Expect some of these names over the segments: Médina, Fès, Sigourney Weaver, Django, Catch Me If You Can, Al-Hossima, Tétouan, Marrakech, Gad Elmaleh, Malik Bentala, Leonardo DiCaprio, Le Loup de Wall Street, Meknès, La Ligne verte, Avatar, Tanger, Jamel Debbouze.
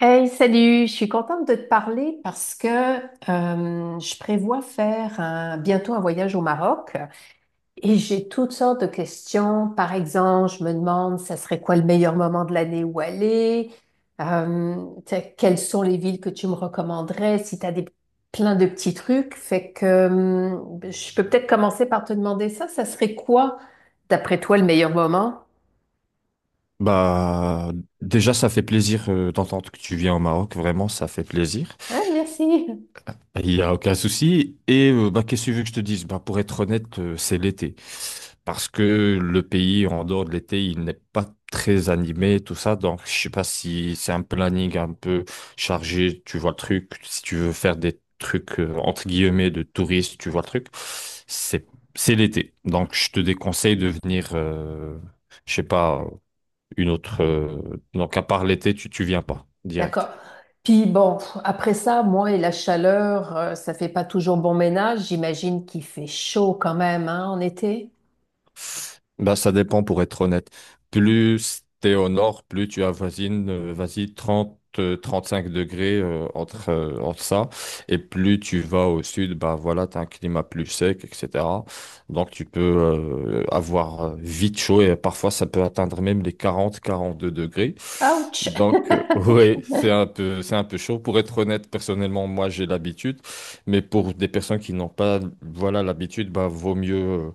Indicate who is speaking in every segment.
Speaker 1: Hey, salut, je suis contente de te parler parce que je prévois faire bientôt un voyage au Maroc et j'ai toutes sortes de questions. Par exemple, je me demande, ça serait quoi le meilleur moment de l'année où aller? Euh, Tu sais, quelles sont les villes que tu me recommanderais si tu as plein de petits trucs? Fait que je peux peut-être commencer par te demander ça. Ça serait quoi, d'après toi, le meilleur moment?
Speaker 2: Bah, déjà, ça fait plaisir d'entendre que tu viens au Maroc. Vraiment, ça fait plaisir.
Speaker 1: Hein, merci.
Speaker 2: Il n'y a aucun souci. Et bah, qu'est-ce que tu veux que je te dise? Bah, pour être honnête, c'est l'été. Parce que le pays, en dehors de l'été, il n'est pas très animé, tout ça. Donc, je sais pas si c'est un planning un peu chargé. Tu vois le truc. Si tu veux faire des trucs, entre guillemets, de touristes, tu vois le truc. C'est, c'est l'été. Donc, je te déconseille de venir, je sais pas une autre. Donc, à part l'été, tu viens pas
Speaker 1: D'accord.
Speaker 2: direct.
Speaker 1: Puis bon, pff, après ça, moi et la chaleur, ça fait pas toujours bon ménage. J'imagine qu'il fait chaud quand même, hein, en été.
Speaker 2: Bah, ça dépend pour être honnête. Plus t'es au nord, plus tu avoisines, vas-y, 30 cinq degrés, entre ça. Et plus tu vas au sud, bah voilà, t'as un climat plus sec, etc. Donc tu peux avoir vite chaud et parfois ça peut atteindre même les quarante, quarante deux degrés.
Speaker 1: Ouch!
Speaker 2: Donc, ouais, c'est un peu chaud. Pour être honnête, personnellement, moi, j'ai l'habitude. Mais pour des personnes qui n'ont pas, voilà, l'habitude, bah, vaut mieux. euh,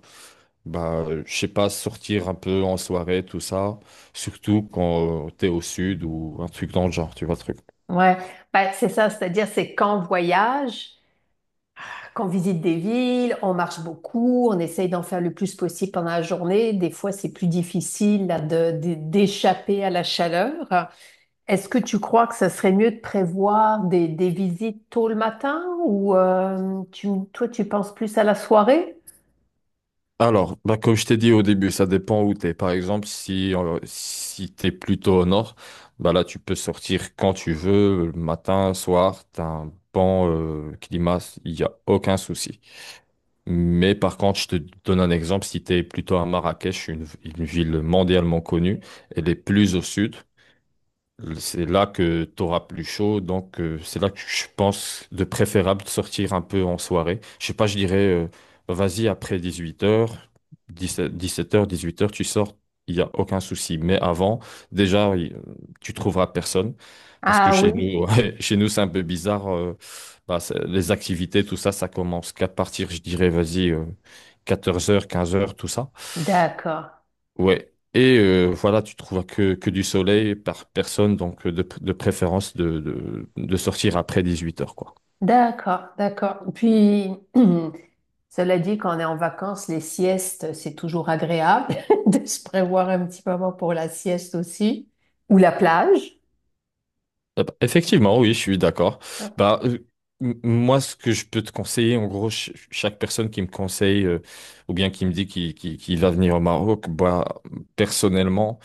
Speaker 2: bah, je sais pas, sortir un peu en soirée, tout ça, surtout quand tu t'es au sud ou un truc dans le genre, tu vois, le truc.
Speaker 1: Ouais, ben, c'est ça, c'est-à-dire c'est quand on voyage, qu'on visite des villes, on marche beaucoup, on essaye d'en faire le plus possible pendant la journée. Des fois, c'est plus difficile là, d'échapper à la chaleur. Est-ce que tu crois que ça serait mieux de prévoir des visites tôt le matin ou toi, tu penses plus à la soirée?
Speaker 2: Alors, bah, comme je t'ai dit au début, ça dépend où t'es. Par exemple, si t'es plutôt au nord, bah là, tu peux sortir quand tu veux, le matin, soir, t'as un bon climat, il n'y a aucun souci. Mais par contre, je te donne un exemple, si t'es plutôt à Marrakech, une ville mondialement connue, elle est plus au sud. C'est là que tu auras plus chaud, donc c'est là que je pense de préférable de sortir un peu en soirée. Je sais pas, je dirais, vas-y après 18h, 17h, 18h, tu sors, il n'y a aucun souci. Mais avant, déjà, tu trouveras personne, parce que
Speaker 1: Ah
Speaker 2: chez
Speaker 1: oui,
Speaker 2: nous, ouais, chez nous c'est un peu bizarre. Bah, les activités, tout ça, ça commence qu'à partir, je dirais, vas-y, 14h, 15h, tout ça.
Speaker 1: d'accord,
Speaker 2: Ouais. Et voilà, tu trouves que du soleil par personne, donc de préférence de sortir après 18h, quoi.
Speaker 1: d'accord. Puis, cela dit, quand on est en vacances, les siestes, c'est toujours agréable de se prévoir un petit moment pour la sieste aussi, ou la plage.
Speaker 2: Ah bah, effectivement, oui, je suis d'accord. Bah, moi, ce que je peux te conseiller, en gros, chaque personne qui me conseille ou bien qui me dit qu'il va venir au Maroc, bah, personnellement,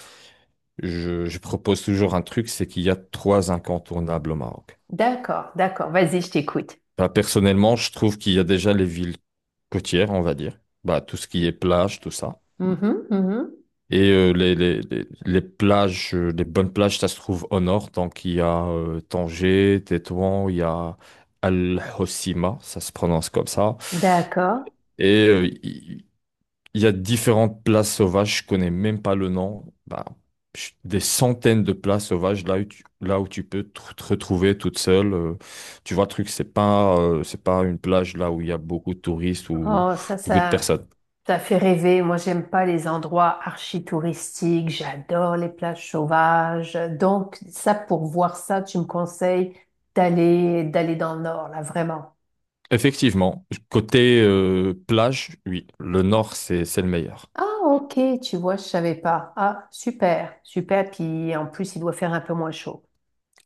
Speaker 2: je propose toujours un truc, c'est qu'il y a trois incontournables au Maroc.
Speaker 1: D'accord, vas-y, je t'écoute.
Speaker 2: Bah, personnellement, je trouve qu'il y a déjà les villes côtières, on va dire. Bah, tout ce qui est plage, tout ça.
Speaker 1: Mhm, mhm.
Speaker 2: Et les plages, les bonnes plages, ça se trouve au nord. Donc, il y a Tanger, Tétouan, il y a Al-Hossima, ça se prononce comme ça.
Speaker 1: D'accord.
Speaker 2: Et il y a différentes places sauvages, je connais même pas le nom. Bah, des centaines de places sauvages là où tu peux te retrouver toute seule. Tu vois, le truc, c'est pas une plage là où il y a beaucoup de touristes ou
Speaker 1: Oh,
Speaker 2: beaucoup de personnes.
Speaker 1: ça fait rêver. Moi, j'aime pas les endroits archi-touristiques. J'adore les plages sauvages. Donc, ça, pour voir ça, tu me conseilles d'aller dans le nord, là, vraiment.
Speaker 2: Effectivement, côté plage, oui, le nord, c'est le meilleur.
Speaker 1: Ah, ok, tu vois, je savais pas. Ah, super, super. Puis en plus, il doit faire un peu moins chaud.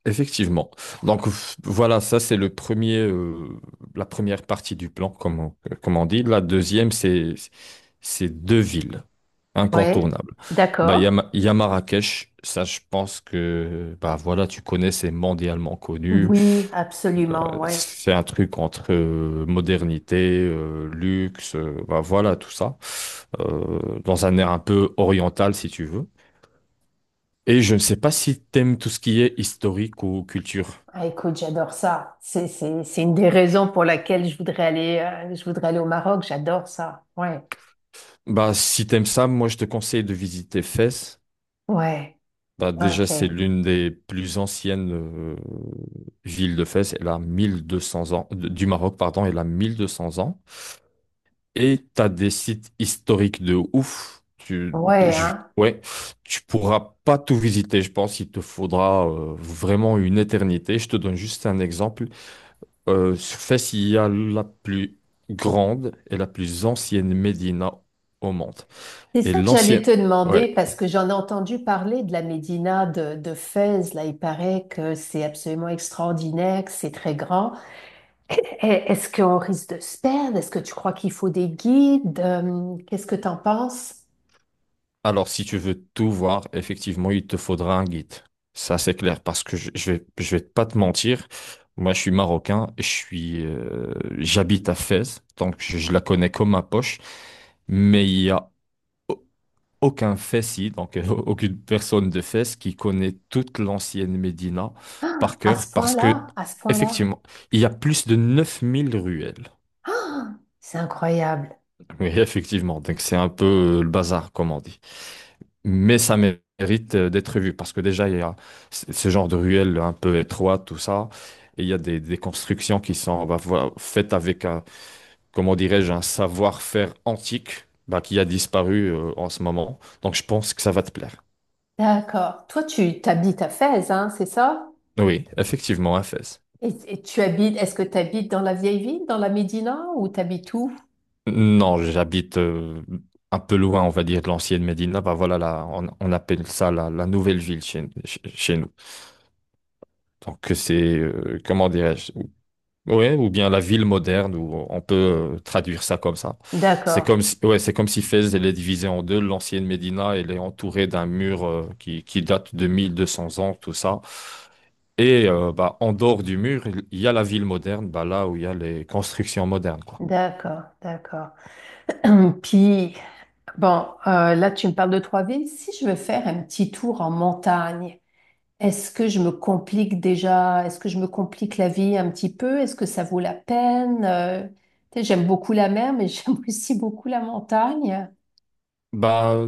Speaker 2: Effectivement. Donc voilà, ça c'est le premier, la première partie du plan, comme on dit. La deuxième, c'est deux villes
Speaker 1: Ouais,
Speaker 2: incontournables. Bah, il y a,
Speaker 1: d'accord.
Speaker 2: Ma- il y a Marrakech, ça je pense que bah voilà, tu connais, c'est mondialement connu.
Speaker 1: Oui, absolument, ouais.
Speaker 2: C'est un truc entre modernité, luxe, bah voilà, tout ça. Dans un air un peu oriental, si tu veux. Et je ne sais pas si t'aimes tout ce qui est historique ou culture.
Speaker 1: Ah, écoute, j'adore ça. C'est une des raisons pour laquelle je voudrais aller au Maroc. J'adore ça. Ouais,
Speaker 2: Bah, si t'aimes ça, moi je te conseille de visiter Fès.
Speaker 1: ouais,
Speaker 2: Bah, déjà, c'est
Speaker 1: ok.
Speaker 2: l'une des plus anciennes villes de Fès. Elle a 1 200 ans, du Maroc, pardon, elle a 1 200 ans. Et t'as des sites historiques de ouf. Tu,
Speaker 1: Ouais,
Speaker 2: je-
Speaker 1: hein.
Speaker 2: ouais, tu pourras pas tout visiter, je pense. Il te faudra vraiment une éternité. Je te donne juste un exemple. Sur Fès, il y a la plus grande et la plus ancienne médina au monde.
Speaker 1: C'est
Speaker 2: Et
Speaker 1: ça que j'allais
Speaker 2: l'ancienne,
Speaker 1: te
Speaker 2: ouais.
Speaker 1: demander parce que j'en ai entendu parler de la Médina de Fès. Là, il paraît que c'est absolument extraordinaire, que c'est très grand. Eh, est-ce qu'on risque de se perdre? Est-ce que tu crois qu'il faut des guides? Qu'est-ce que t'en penses?
Speaker 2: Alors, si tu veux tout voir, effectivement, il te faudra un guide. Ça, c'est clair, parce que je vais pas te mentir. Moi, je suis marocain, j'habite à Fès, donc je la connais comme ma poche. Mais il y a aucun fessi, donc aucune personne de Fès qui connaît toute l'ancienne Médina
Speaker 1: Ah,
Speaker 2: par cœur parce que,
Speaker 1: à ce point-là.
Speaker 2: effectivement, il y a plus de 9 000 ruelles.
Speaker 1: Ah, c'est incroyable.
Speaker 2: Oui, effectivement, donc c'est un peu le bazar, comme on dit. Mais ça mérite d'être vu parce que déjà, il y a ce genre de ruelles un peu étroites, tout ça. Et il y a des constructions qui sont bah, voilà, faites avec un, comment dirais-je, un savoir-faire antique bah, qui a disparu en ce moment. Donc je pense que ça va te plaire.
Speaker 1: D'accord. Toi, tu t'habites à Fès, hein, c'est ça?
Speaker 2: Oui, effectivement, un
Speaker 1: Et tu habites, est-ce que tu habites dans la vieille ville, dans la Médina, ou tu habites où?
Speaker 2: Non, j'habite un peu loin, on va dire, de l'ancienne Médina. Bah voilà, là, on appelle ça la nouvelle ville chez nous. Donc c'est, comment dirais-je? Ouais, ou bien la ville moderne, ou on peut traduire ça comme ça. C'est
Speaker 1: D'accord,
Speaker 2: comme si, ouais, c'est comme si Fès, elle est divisée en deux. L'ancienne Médina, elle est entourée d'un mur qui date de 1 200 ans, tout ça. Et bah, en dehors du mur, il y a la ville moderne, bah, là où il y a les constructions modernes, quoi.
Speaker 1: d'accord. Puis, bon, là, tu me parles de trois villes. Si je veux faire un petit tour en montagne, est-ce que je me complique déjà? Est-ce que je me complique la vie un petit peu? Est-ce que ça vaut la peine? Tu sais, j'aime beaucoup la mer, mais j'aime aussi beaucoup la montagne.
Speaker 2: Bah,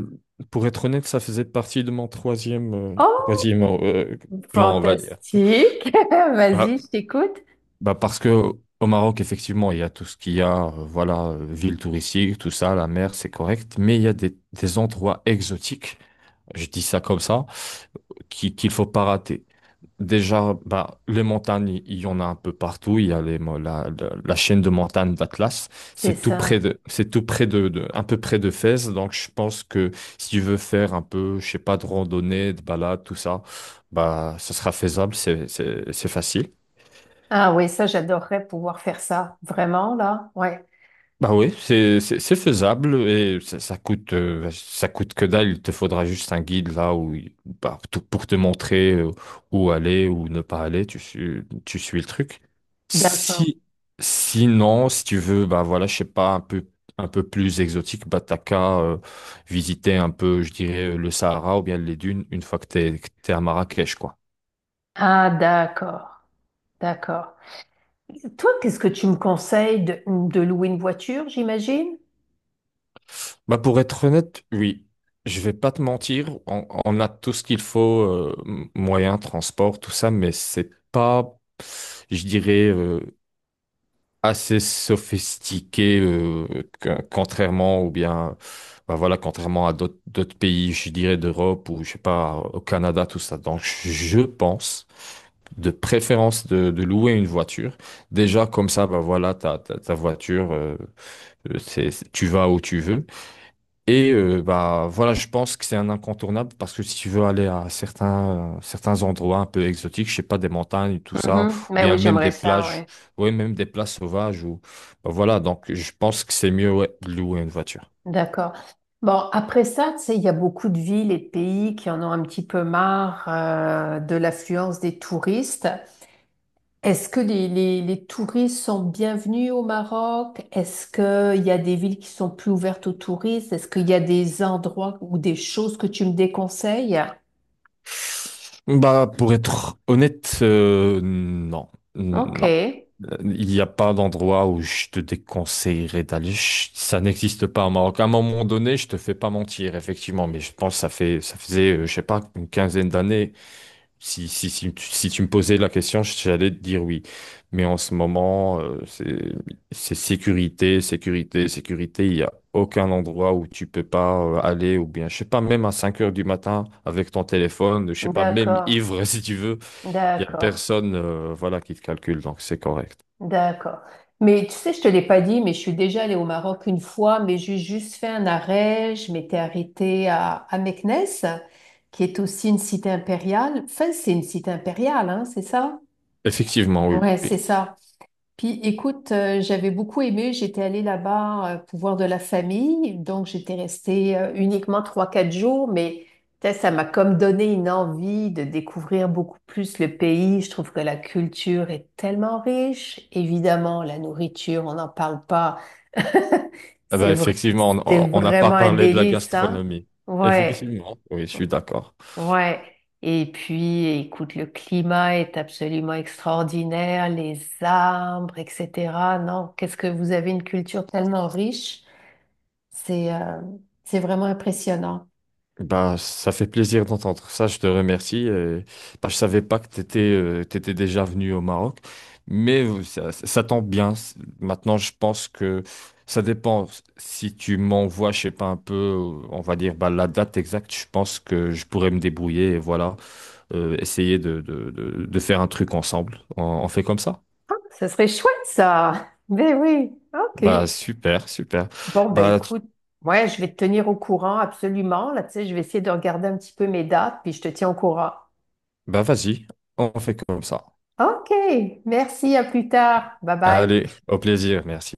Speaker 2: pour être honnête, ça faisait partie de mon troisième,
Speaker 1: Oh,
Speaker 2: troisième euh, plan, on va dire.
Speaker 1: fantastique! Vas-y,
Speaker 2: Bah,
Speaker 1: je t'écoute.
Speaker 2: bah, parce que au Maroc, effectivement, il y a tout ce qu'il y a, voilà, ville touristique, tout ça, la mer, c'est correct, mais il y a des endroits exotiques, je dis ça comme ça, qu'il faut pas rater. Déjà, bah, les montagnes, il y en a un peu partout. Il y a les, mo- la- la chaîne de montagnes d'Atlas.
Speaker 1: C'est
Speaker 2: C'est tout près
Speaker 1: ça.
Speaker 2: de, c'est tout près de- un peu près de Fès. Donc, je pense que si tu veux faire un peu, je sais pas, de randonnée, de balade, tout ça, bah, ça sera faisable. C'est facile.
Speaker 1: Ah oui, ça, j'adorerais pouvoir faire ça. Vraiment, là? Ouais.
Speaker 2: Bah oui, c'est faisable et ça coûte que dalle. Il te faudra juste un guide là où pour te montrer où aller ou ne pas aller. Tu suis le truc.
Speaker 1: D'accord.
Speaker 2: Si Sinon si tu veux bah voilà je sais pas un peu plus exotique, bah t'as qu'à visiter un peu, je dirais le Sahara ou bien les dunes une fois que t'es à Marrakech, quoi.
Speaker 1: Ah, d'accord. D'accord. Toi, qu'est-ce que tu me conseilles de louer une voiture, j'imagine?
Speaker 2: Bah pour être honnête, oui. Je vais pas te mentir, on a tout ce qu'il faut, moyens, transport, tout ça, mais c'est pas, je dirais, assez sophistiqué, contrairement ou bien, bah voilà, contrairement à d'autres pays, je dirais d'Europe ou je sais pas, au Canada, tout ça. Donc je pense de préférence de louer une voiture. Déjà, comme ça, bah voilà, ta voiture, tu vas où tu veux. Et bah voilà, je pense que c'est un incontournable parce que si tu veux aller à certains endroits un peu exotiques, je sais pas des montagnes tout ça, ou
Speaker 1: Mhm. Mais oui,
Speaker 2: bien même
Speaker 1: j'aimerais
Speaker 2: des
Speaker 1: ça.
Speaker 2: plages, ouais, même des places sauvages ou bah, voilà, donc je pense que c'est mieux, ouais, de louer une voiture.
Speaker 1: D'accord. Bon, après ça, tu sais, il y a beaucoup de villes et de pays qui en ont un petit peu marre de l'affluence des touristes. Est-ce que les touristes sont bienvenus au Maroc? Est-ce qu'il y a des villes qui sont plus ouvertes aux touristes? Est-ce qu'il y a des endroits ou des choses que tu me déconseilles?
Speaker 2: Bah pour être honnête, non,
Speaker 1: Ok.
Speaker 2: non. Il n'y a pas d'endroit où je te déconseillerais d'aller. Ça n'existe pas au Maroc. À un moment donné, je te fais pas mentir effectivement, mais je pense que ça fait ça faisait je sais pas une quinzaine d'années. Si tu me posais la question, j'allais te dire oui. Mais en ce moment, c'est sécurité, sécurité, sécurité. Il n'y a aucun endroit où tu peux pas aller, ou bien, je sais pas, même à 5h du matin avec ton téléphone, je sais pas, même
Speaker 1: D'accord.
Speaker 2: ivre si tu veux, il n'y a
Speaker 1: D'accord.
Speaker 2: personne, voilà, qui te calcule, donc c'est correct.
Speaker 1: d'accord. Mais tu sais, je te l'ai pas dit, mais je suis déjà allée au Maroc une fois, mais j'ai juste fait un arrêt. Je m'étais arrêtée à Meknès, qui est aussi une cité impériale. Enfin, c'est une cité impériale, hein, c'est ça?
Speaker 2: Effectivement, oui.
Speaker 1: Ouais, c'est
Speaker 2: Oui.
Speaker 1: ça. Puis écoute, j'avais beaucoup aimé, j'étais allée là-bas pour voir de la famille, donc j'étais restée uniquement trois, quatre jours, mais tu sais, ça m'a comme donné une envie de découvrir beaucoup plus le pays. Je trouve que la culture est tellement riche. Évidemment, la nourriture, on n'en parle pas.
Speaker 2: Eh
Speaker 1: C'est
Speaker 2: ben,
Speaker 1: vrai,
Speaker 2: effectivement,
Speaker 1: c'est
Speaker 2: on n'a pas
Speaker 1: vraiment un
Speaker 2: parlé de la
Speaker 1: délice, hein?
Speaker 2: gastronomie.
Speaker 1: Ouais.
Speaker 2: Effectivement, oui, je suis d'accord.
Speaker 1: Ouais, et puis écoute, le climat est absolument extraordinaire, les arbres, etc. Non, qu'est-ce que vous avez une culture tellement riche, c'est euh, c'est vraiment impressionnant.
Speaker 2: Bah, ça fait plaisir d'entendre ça, je te remercie. Bah, je savais pas que tu étais déjà venu au Maroc, mais ça tombe bien. Maintenant, je pense que ça dépend. Si tu m'envoies, je sais pas, un peu, on va dire bah, la date exacte, je pense que je pourrais me débrouiller et voilà, essayer de faire un truc ensemble. On fait comme ça?
Speaker 1: Ce serait chouette ça. Ben oui, ok.
Speaker 2: Bah, super, super.
Speaker 1: Bon ben
Speaker 2: Bah, tu-
Speaker 1: écoute, ouais, je vais te tenir au courant absolument. Là, tu sais, je vais essayer de regarder un petit peu mes dates, puis je te tiens au courant.
Speaker 2: bah, vas-y, on fait comme ça.
Speaker 1: Ok, merci, à plus tard. Bye bye.
Speaker 2: Allez, au plaisir, merci.